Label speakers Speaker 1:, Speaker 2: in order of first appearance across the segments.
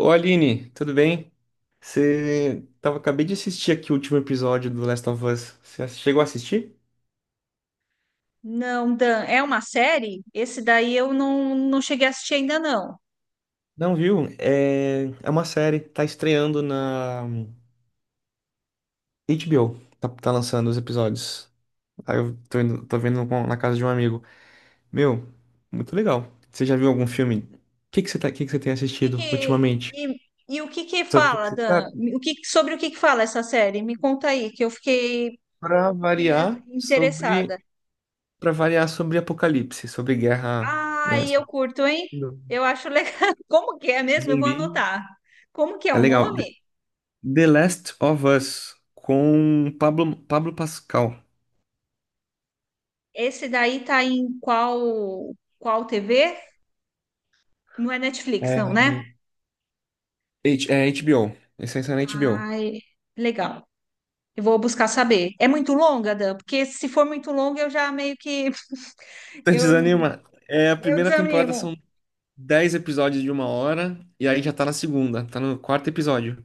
Speaker 1: Ô Aline, tudo bem? Você tava, acabei de assistir aqui o último episódio do Last of Us. Você chegou a assistir?
Speaker 2: Não, Dan, é uma série? Esse daí eu não cheguei a assistir ainda não.
Speaker 1: Não viu? É uma série, tá estreando na HBO, tá lançando os episódios. Aí eu tô, tô vendo na casa de um amigo. Meu, muito legal. Você já viu algum filme? O que que você tá, que você tem
Speaker 2: Que
Speaker 1: assistido
Speaker 2: que-
Speaker 1: ultimamente?
Speaker 2: e, o que que
Speaker 1: Sobre o que que
Speaker 2: fala,
Speaker 1: se
Speaker 2: Dan?
Speaker 1: trata?
Speaker 2: Sobre o que que fala essa série? Me conta aí, que eu fiquei,
Speaker 1: Pra
Speaker 2: fiquei
Speaker 1: variar sobre,
Speaker 2: interessada.
Speaker 1: Para variar sobre apocalipse, sobre guerra, né?
Speaker 2: Ai, eu curto, hein? Eu acho legal. Como que é mesmo? Eu vou
Speaker 1: Zumbi.
Speaker 2: anotar. Como que é
Speaker 1: É
Speaker 2: o
Speaker 1: legal.
Speaker 2: nome?
Speaker 1: The Last of Us com Pablo, Pablo Pascal.
Speaker 2: Esse daí tá em qual TV? Não é Netflix, não,
Speaker 1: É,
Speaker 2: né?
Speaker 1: é HBO. Esse aí saiu na HBO.
Speaker 2: Ai, legal. Eu vou buscar saber. É muito longa, Dan? Porque se for muito longa, eu já meio que
Speaker 1: Tá
Speaker 2: eu,
Speaker 1: desanima. É, a
Speaker 2: eu
Speaker 1: primeira temporada
Speaker 2: desanimo.
Speaker 1: são 10 episódios de 1 hora, e aí já tá na segunda, tá no quarto episódio.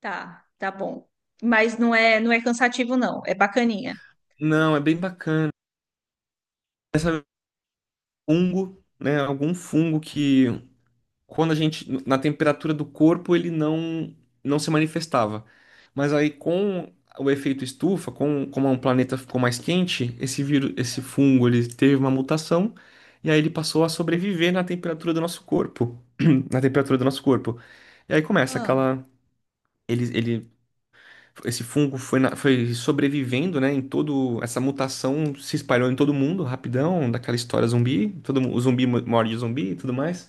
Speaker 2: Tá, tá bom. Mas não é cansativo, não. É bacaninha.
Speaker 1: Não, é bem bacana. Essa é um fungo, né? Algum fungo que quando a gente, na temperatura do corpo, ele não, não se manifestava. Mas aí, com o efeito estufa, com, como é um planeta ficou mais quente, esse vírus, esse fungo, ele teve uma mutação e aí ele passou a sobreviver na temperatura do nosso corpo, na temperatura do nosso corpo. E aí começa
Speaker 2: Ah,
Speaker 1: aquela, ele, ele, esse fungo foi, foi sobrevivendo, né, em todo, essa mutação se espalhou em todo mundo, rapidão, daquela história zumbi, o zumbi morde o zumbi e tudo mais.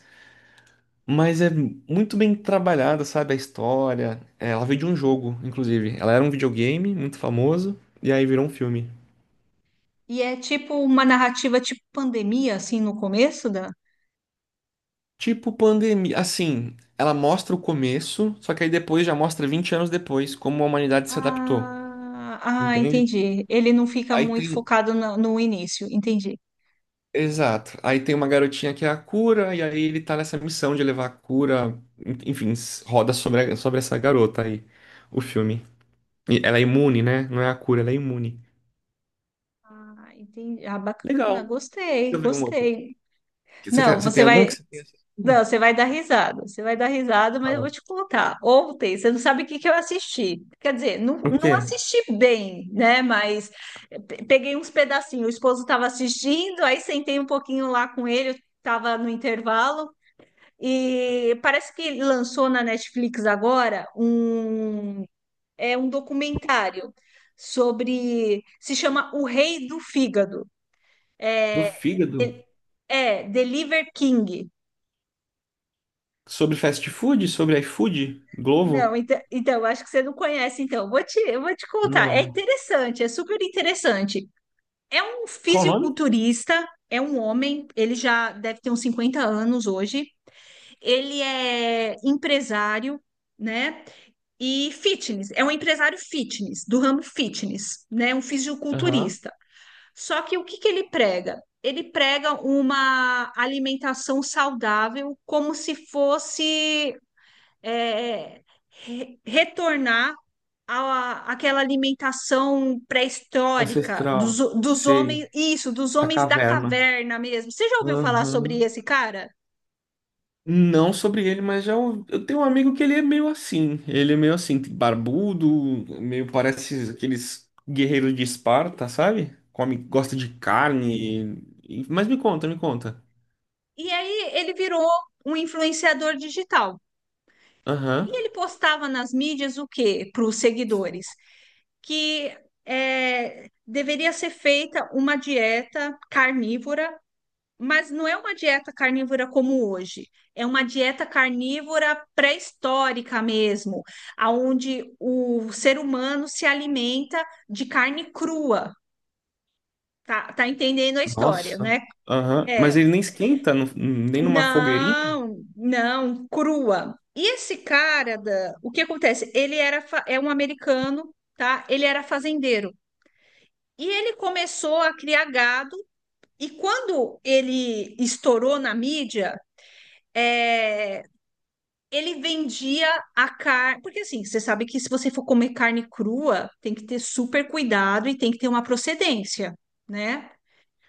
Speaker 1: Mas é muito bem trabalhada, sabe? A história. É, ela veio de um jogo, inclusive. Ela era um videogame muito famoso, e aí virou um filme.
Speaker 2: e é tipo uma narrativa tipo pandemia, assim, no começo, Dan?
Speaker 1: Tipo pandemia. Assim, ela mostra o começo, só que aí depois já mostra 20 anos depois como a humanidade se adaptou.
Speaker 2: Ah, ah,
Speaker 1: Entende?
Speaker 2: entendi. Ele não fica
Speaker 1: Aí
Speaker 2: muito
Speaker 1: tem. um,
Speaker 2: focado no início, entendi.
Speaker 1: Exato. Aí tem uma garotinha que é a cura, e aí ele tá nessa missão de levar a cura. Enfim, roda sobre, sobre essa garota aí, o filme. E ela é imune, né? Não é a cura, ela é imune.
Speaker 2: Ah, entendi. Ah,
Speaker 1: Legal.
Speaker 2: bacana,
Speaker 1: Deixa
Speaker 2: gostei,
Speaker 1: eu ver um outro.
Speaker 2: gostei.
Speaker 1: Você,
Speaker 2: Não,
Speaker 1: você tem
Speaker 2: você
Speaker 1: algum
Speaker 2: vai,
Speaker 1: que você tenha
Speaker 2: não,
Speaker 1: assistido?
Speaker 2: você vai dar risada. Você vai dar risada, mas eu
Speaker 1: Ah.
Speaker 2: vou te contar. Ontem, você não sabe o que que eu assisti. Quer dizer,
Speaker 1: O
Speaker 2: não
Speaker 1: quê?
Speaker 2: assisti bem, né? Mas peguei uns pedacinhos. O esposo estava assistindo, aí sentei um pouquinho lá com ele, estava no intervalo. E parece que lançou na Netflix agora é um documentário sobre. Se chama O Rei do Fígado.
Speaker 1: Do fígado?
Speaker 2: É, Deliver King.
Speaker 1: Sobre fast food? Sobre iFood?
Speaker 2: Não,
Speaker 1: Globo?
Speaker 2: então, acho que você não conhece, então. Eu vou te contar. É
Speaker 1: Não.
Speaker 2: interessante, é super interessante. É um
Speaker 1: Qual o nome?
Speaker 2: fisiculturista, é um homem, ele já deve ter uns 50 anos hoje. Ele é empresário, né? E fitness, é um empresário fitness, do ramo fitness, né? Um
Speaker 1: Aham.
Speaker 2: fisiculturista. Só que o que que ele prega? Ele prega uma alimentação saudável, como se fosse é, retornar àquela alimentação pré-histórica
Speaker 1: Ancestral.
Speaker 2: dos
Speaker 1: Sei.
Speaker 2: homens, isso, dos
Speaker 1: Da
Speaker 2: homens da
Speaker 1: caverna.
Speaker 2: caverna mesmo. Você já ouviu falar sobre
Speaker 1: Aham.
Speaker 2: esse cara?
Speaker 1: Não sobre ele, mas eu tenho um amigo que ele é meio assim. Ele é meio assim, barbudo, meio parece aqueles guerreiros de Esparta, sabe? Come, gosta de carne. Mas me conta, me conta.
Speaker 2: E aí ele virou um influenciador digital. E
Speaker 1: Aham.
Speaker 2: ele postava nas mídias o quê para os seguidores? Que deveria ser feita uma dieta carnívora, mas não é uma dieta carnívora como hoje. É uma dieta carnívora pré-histórica mesmo, aonde o ser humano se alimenta de carne crua. Tá, tá entendendo a história,
Speaker 1: Nossa.
Speaker 2: né?
Speaker 1: Aham. Mas
Speaker 2: É,
Speaker 1: ele nem esquenta, nem numa fogueirinha?
Speaker 2: não, não, crua. E esse cara, da, o que acontece? Ele era é um americano, tá? Ele era fazendeiro. E ele começou a criar gado, e quando ele estourou na mídia, é, ele vendia a carne. Porque assim, você sabe que se você for comer carne crua, tem que ter super cuidado e tem que ter uma procedência, né?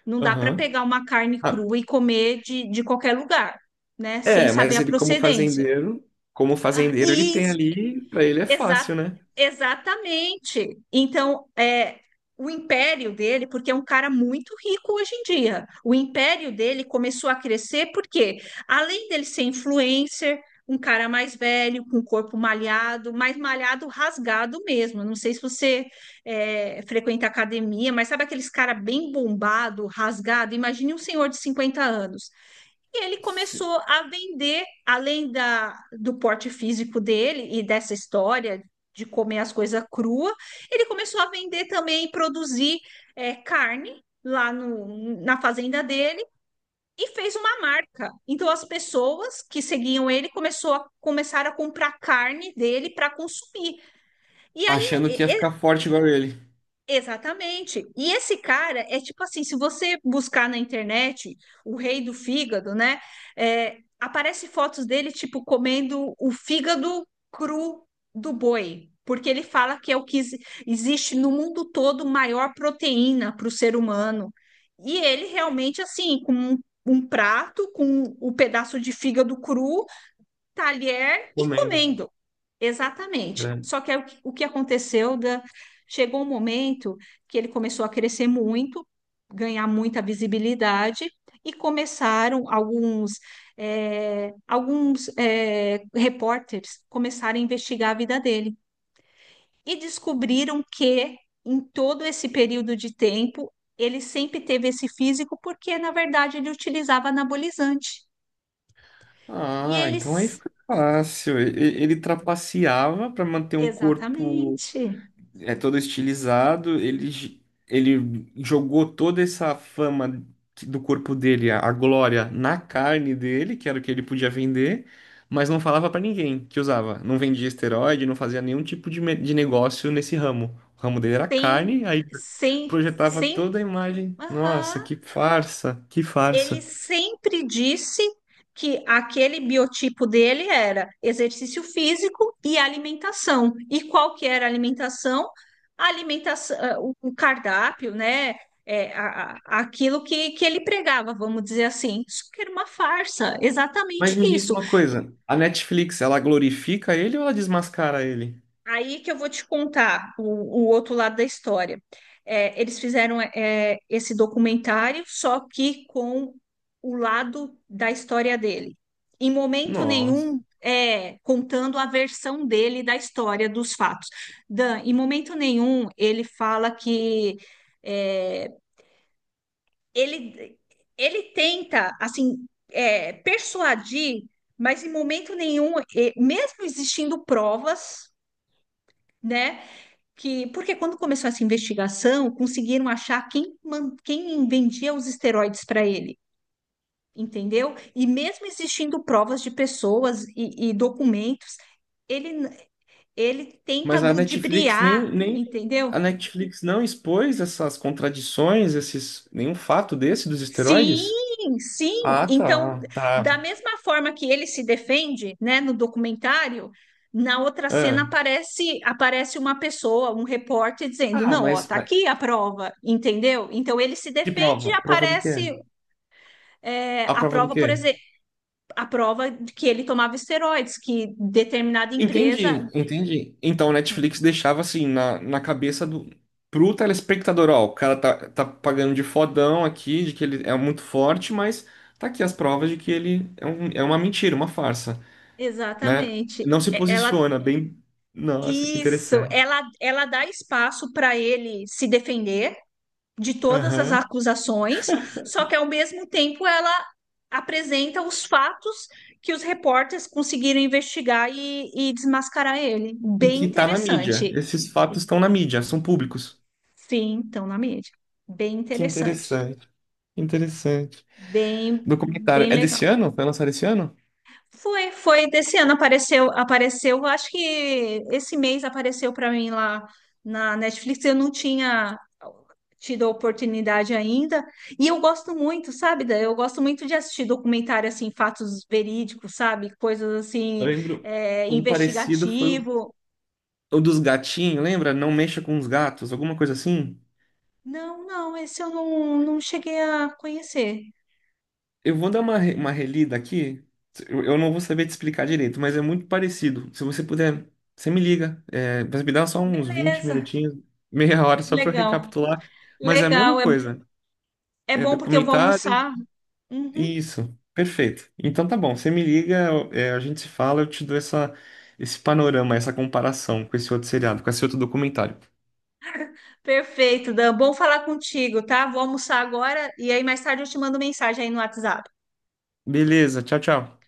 Speaker 2: Não dá para
Speaker 1: Aham.
Speaker 2: pegar uma carne
Speaker 1: Ah,
Speaker 2: crua e comer de qualquer lugar, né? Sem
Speaker 1: é,
Speaker 2: saber
Speaker 1: mas
Speaker 2: a
Speaker 1: ele
Speaker 2: procedência.
Speaker 1: como
Speaker 2: Ah,
Speaker 1: fazendeiro ele
Speaker 2: E
Speaker 1: tem ali, pra ele é
Speaker 2: Exa
Speaker 1: fácil, né?
Speaker 2: exatamente. Então, o império dele, porque é um cara muito rico hoje em dia, o império dele começou a crescer porque, além dele ser influencer, um cara mais velho, com um corpo malhado, mais malhado, rasgado mesmo. Não sei se você frequenta academia, mas sabe aqueles cara bem bombado, rasgado? Imagine um senhor de 50 anos. E ele
Speaker 1: Se-
Speaker 2: começou a vender, do porte físico dele e dessa história de comer as coisas cruas, ele começou a vender também e produzir carne lá no, na fazenda dele e fez uma marca. Então as pessoas que seguiam ele começaram a comprar carne dele para consumir. E aí
Speaker 1: Achando que ia
Speaker 2: e-
Speaker 1: ficar forte igual ele,
Speaker 2: Exatamente. E esse cara é tipo assim, se você buscar na internet o rei do fígado, né? É, aparece fotos dele, tipo, comendo o fígado cru do boi. Porque ele fala que é o que existe no mundo todo maior proteína para o ser humano. E ele realmente, assim, um prato, com o pedaço de fígado cru, talher e
Speaker 1: comendo.
Speaker 2: comendo. Exatamente.
Speaker 1: Grande.
Speaker 2: Só que aí o que aconteceu, da... chegou um momento que ele começou a crescer muito, ganhar muita visibilidade, e alguns repórteres começaram a investigar a vida dele. E descobriram que, em todo esse período de tempo, ele sempre teve esse físico porque, na verdade, ele utilizava anabolizante. E
Speaker 1: Ah, então aí
Speaker 2: eles,
Speaker 1: fica fácil. Ele trapaceava pra manter um corpo
Speaker 2: exatamente,
Speaker 1: é todo estilizado, ele, ele jogou toda essa fama do corpo dele, a glória, na carne dele, que era o que ele podia vender, mas não falava pra ninguém que usava. Não vendia esteroide, não fazia nenhum tipo de, de negócio nesse ramo. O ramo dele era
Speaker 2: sem,
Speaker 1: carne, aí projetava toda
Speaker 2: sem.
Speaker 1: a imagem. Nossa,
Speaker 2: Aham.
Speaker 1: que farsa, que
Speaker 2: Ele
Speaker 1: farsa.
Speaker 2: sempre disse que aquele biotipo dele era exercício físico e alimentação. E qual que era a alimentação? A alimentação, o cardápio, né? É, aquilo que ele pregava, vamos dizer assim. Isso que era uma farsa, exatamente
Speaker 1: Mas me diz
Speaker 2: isso.
Speaker 1: uma coisa, a Netflix, ela glorifica ele ou ela desmascara ele?
Speaker 2: Aí que eu vou te contar o outro lado da história. É, eles fizeram esse documentário, só que com o lado da história dele. Em momento
Speaker 1: Nossa.
Speaker 2: nenhum, é, contando a versão dele da história, dos fatos. Dan, em momento nenhum, ele fala que é, ele, ele tenta, assim, persuadir, mas em momento nenhum, mesmo existindo provas, né? que porque quando começou essa investigação, conseguiram achar quem, quem vendia os esteroides para ele, entendeu? E mesmo existindo provas de pessoas e documentos, ele, ele tenta
Speaker 1: Mas a Netflix
Speaker 2: ludibriar,
Speaker 1: nem, nem a
Speaker 2: entendeu?
Speaker 1: Netflix não expôs essas contradições, esses nenhum fato desse dos
Speaker 2: Sim,
Speaker 1: esteroides?
Speaker 2: sim.
Speaker 1: Ah,
Speaker 2: Então,
Speaker 1: tá,
Speaker 2: da
Speaker 1: tá.
Speaker 2: mesma forma que ele se defende, né, no documentário, na outra cena
Speaker 1: Ah,
Speaker 2: aparece uma pessoa, um repórter dizendo,
Speaker 1: Ah,
Speaker 2: não, ó, tá
Speaker 1: mas
Speaker 2: aqui a prova, entendeu? Então ele se
Speaker 1: que
Speaker 2: defende
Speaker 1: prova?
Speaker 2: e
Speaker 1: Prova do quê?
Speaker 2: aparece
Speaker 1: A
Speaker 2: a
Speaker 1: prova do
Speaker 2: prova, por
Speaker 1: quê?
Speaker 2: exemplo, a prova de que ele tomava esteroides, que determinada empresa,
Speaker 1: Entendi, entendi. Então a Netflix deixava assim na cabeça do pro telespectador, ó, o cara tá pagando de fodão aqui, de que ele é muito forte, mas tá aqui as provas de que ele é, um, é uma mentira, uma farsa. Né?
Speaker 2: exatamente.
Speaker 1: Não se posiciona bem. Nossa, que interessante.
Speaker 2: Ela dá espaço para ele se defender de todas as
Speaker 1: Aham.
Speaker 2: acusações, só que ao mesmo tempo ela apresenta os fatos que os repórteres conseguiram investigar e desmascarar ele.
Speaker 1: E
Speaker 2: Bem
Speaker 1: que tá na mídia.
Speaker 2: interessante.
Speaker 1: Esses fatos estão na mídia, são públicos.
Speaker 2: Sim, então na mídia. Bem
Speaker 1: Que
Speaker 2: interessante.
Speaker 1: interessante, que interessante.
Speaker 2: Bem,
Speaker 1: Documentário.
Speaker 2: bem
Speaker 1: É
Speaker 2: legal.
Speaker 1: desse ano? Foi lançado esse ano?
Speaker 2: Foi, foi desse ano apareceu, acho que esse mês apareceu para mim lá na Netflix. Eu não tinha tido a oportunidade ainda. E eu gosto muito, sabe, Dan? Eu gosto muito de assistir documentário assim, fatos verídicos, sabe? Coisas
Speaker 1: Eu
Speaker 2: assim,
Speaker 1: lembro. Um parecido foi o
Speaker 2: investigativo.
Speaker 1: o dos gatinhos, lembra? Não mexa com os gatos, alguma coisa assim?
Speaker 2: Não, não, esse eu não cheguei a conhecer.
Speaker 1: Eu vou dar uma, uma relida aqui. Eu não vou saber te explicar direito, mas é muito parecido. Se você puder, você me liga. É, mas me dá só uns 20
Speaker 2: Beleza,
Speaker 1: minutinhos, meia hora, só para
Speaker 2: legal.
Speaker 1: recapitular. Mas é a mesma
Speaker 2: Legal, é,
Speaker 1: coisa.
Speaker 2: é
Speaker 1: É
Speaker 2: bom porque eu vou
Speaker 1: documentário.
Speaker 2: almoçar. Uhum.
Speaker 1: Isso, perfeito. Então tá bom, você me liga, é, a gente se fala, eu te dou essa, esse panorama, essa comparação com esse outro seriado, com esse outro documentário.
Speaker 2: Perfeito, Dan. Bom falar contigo, tá? Vou almoçar agora e aí mais tarde eu te mando mensagem aí no WhatsApp.
Speaker 1: Beleza, tchau, tchau.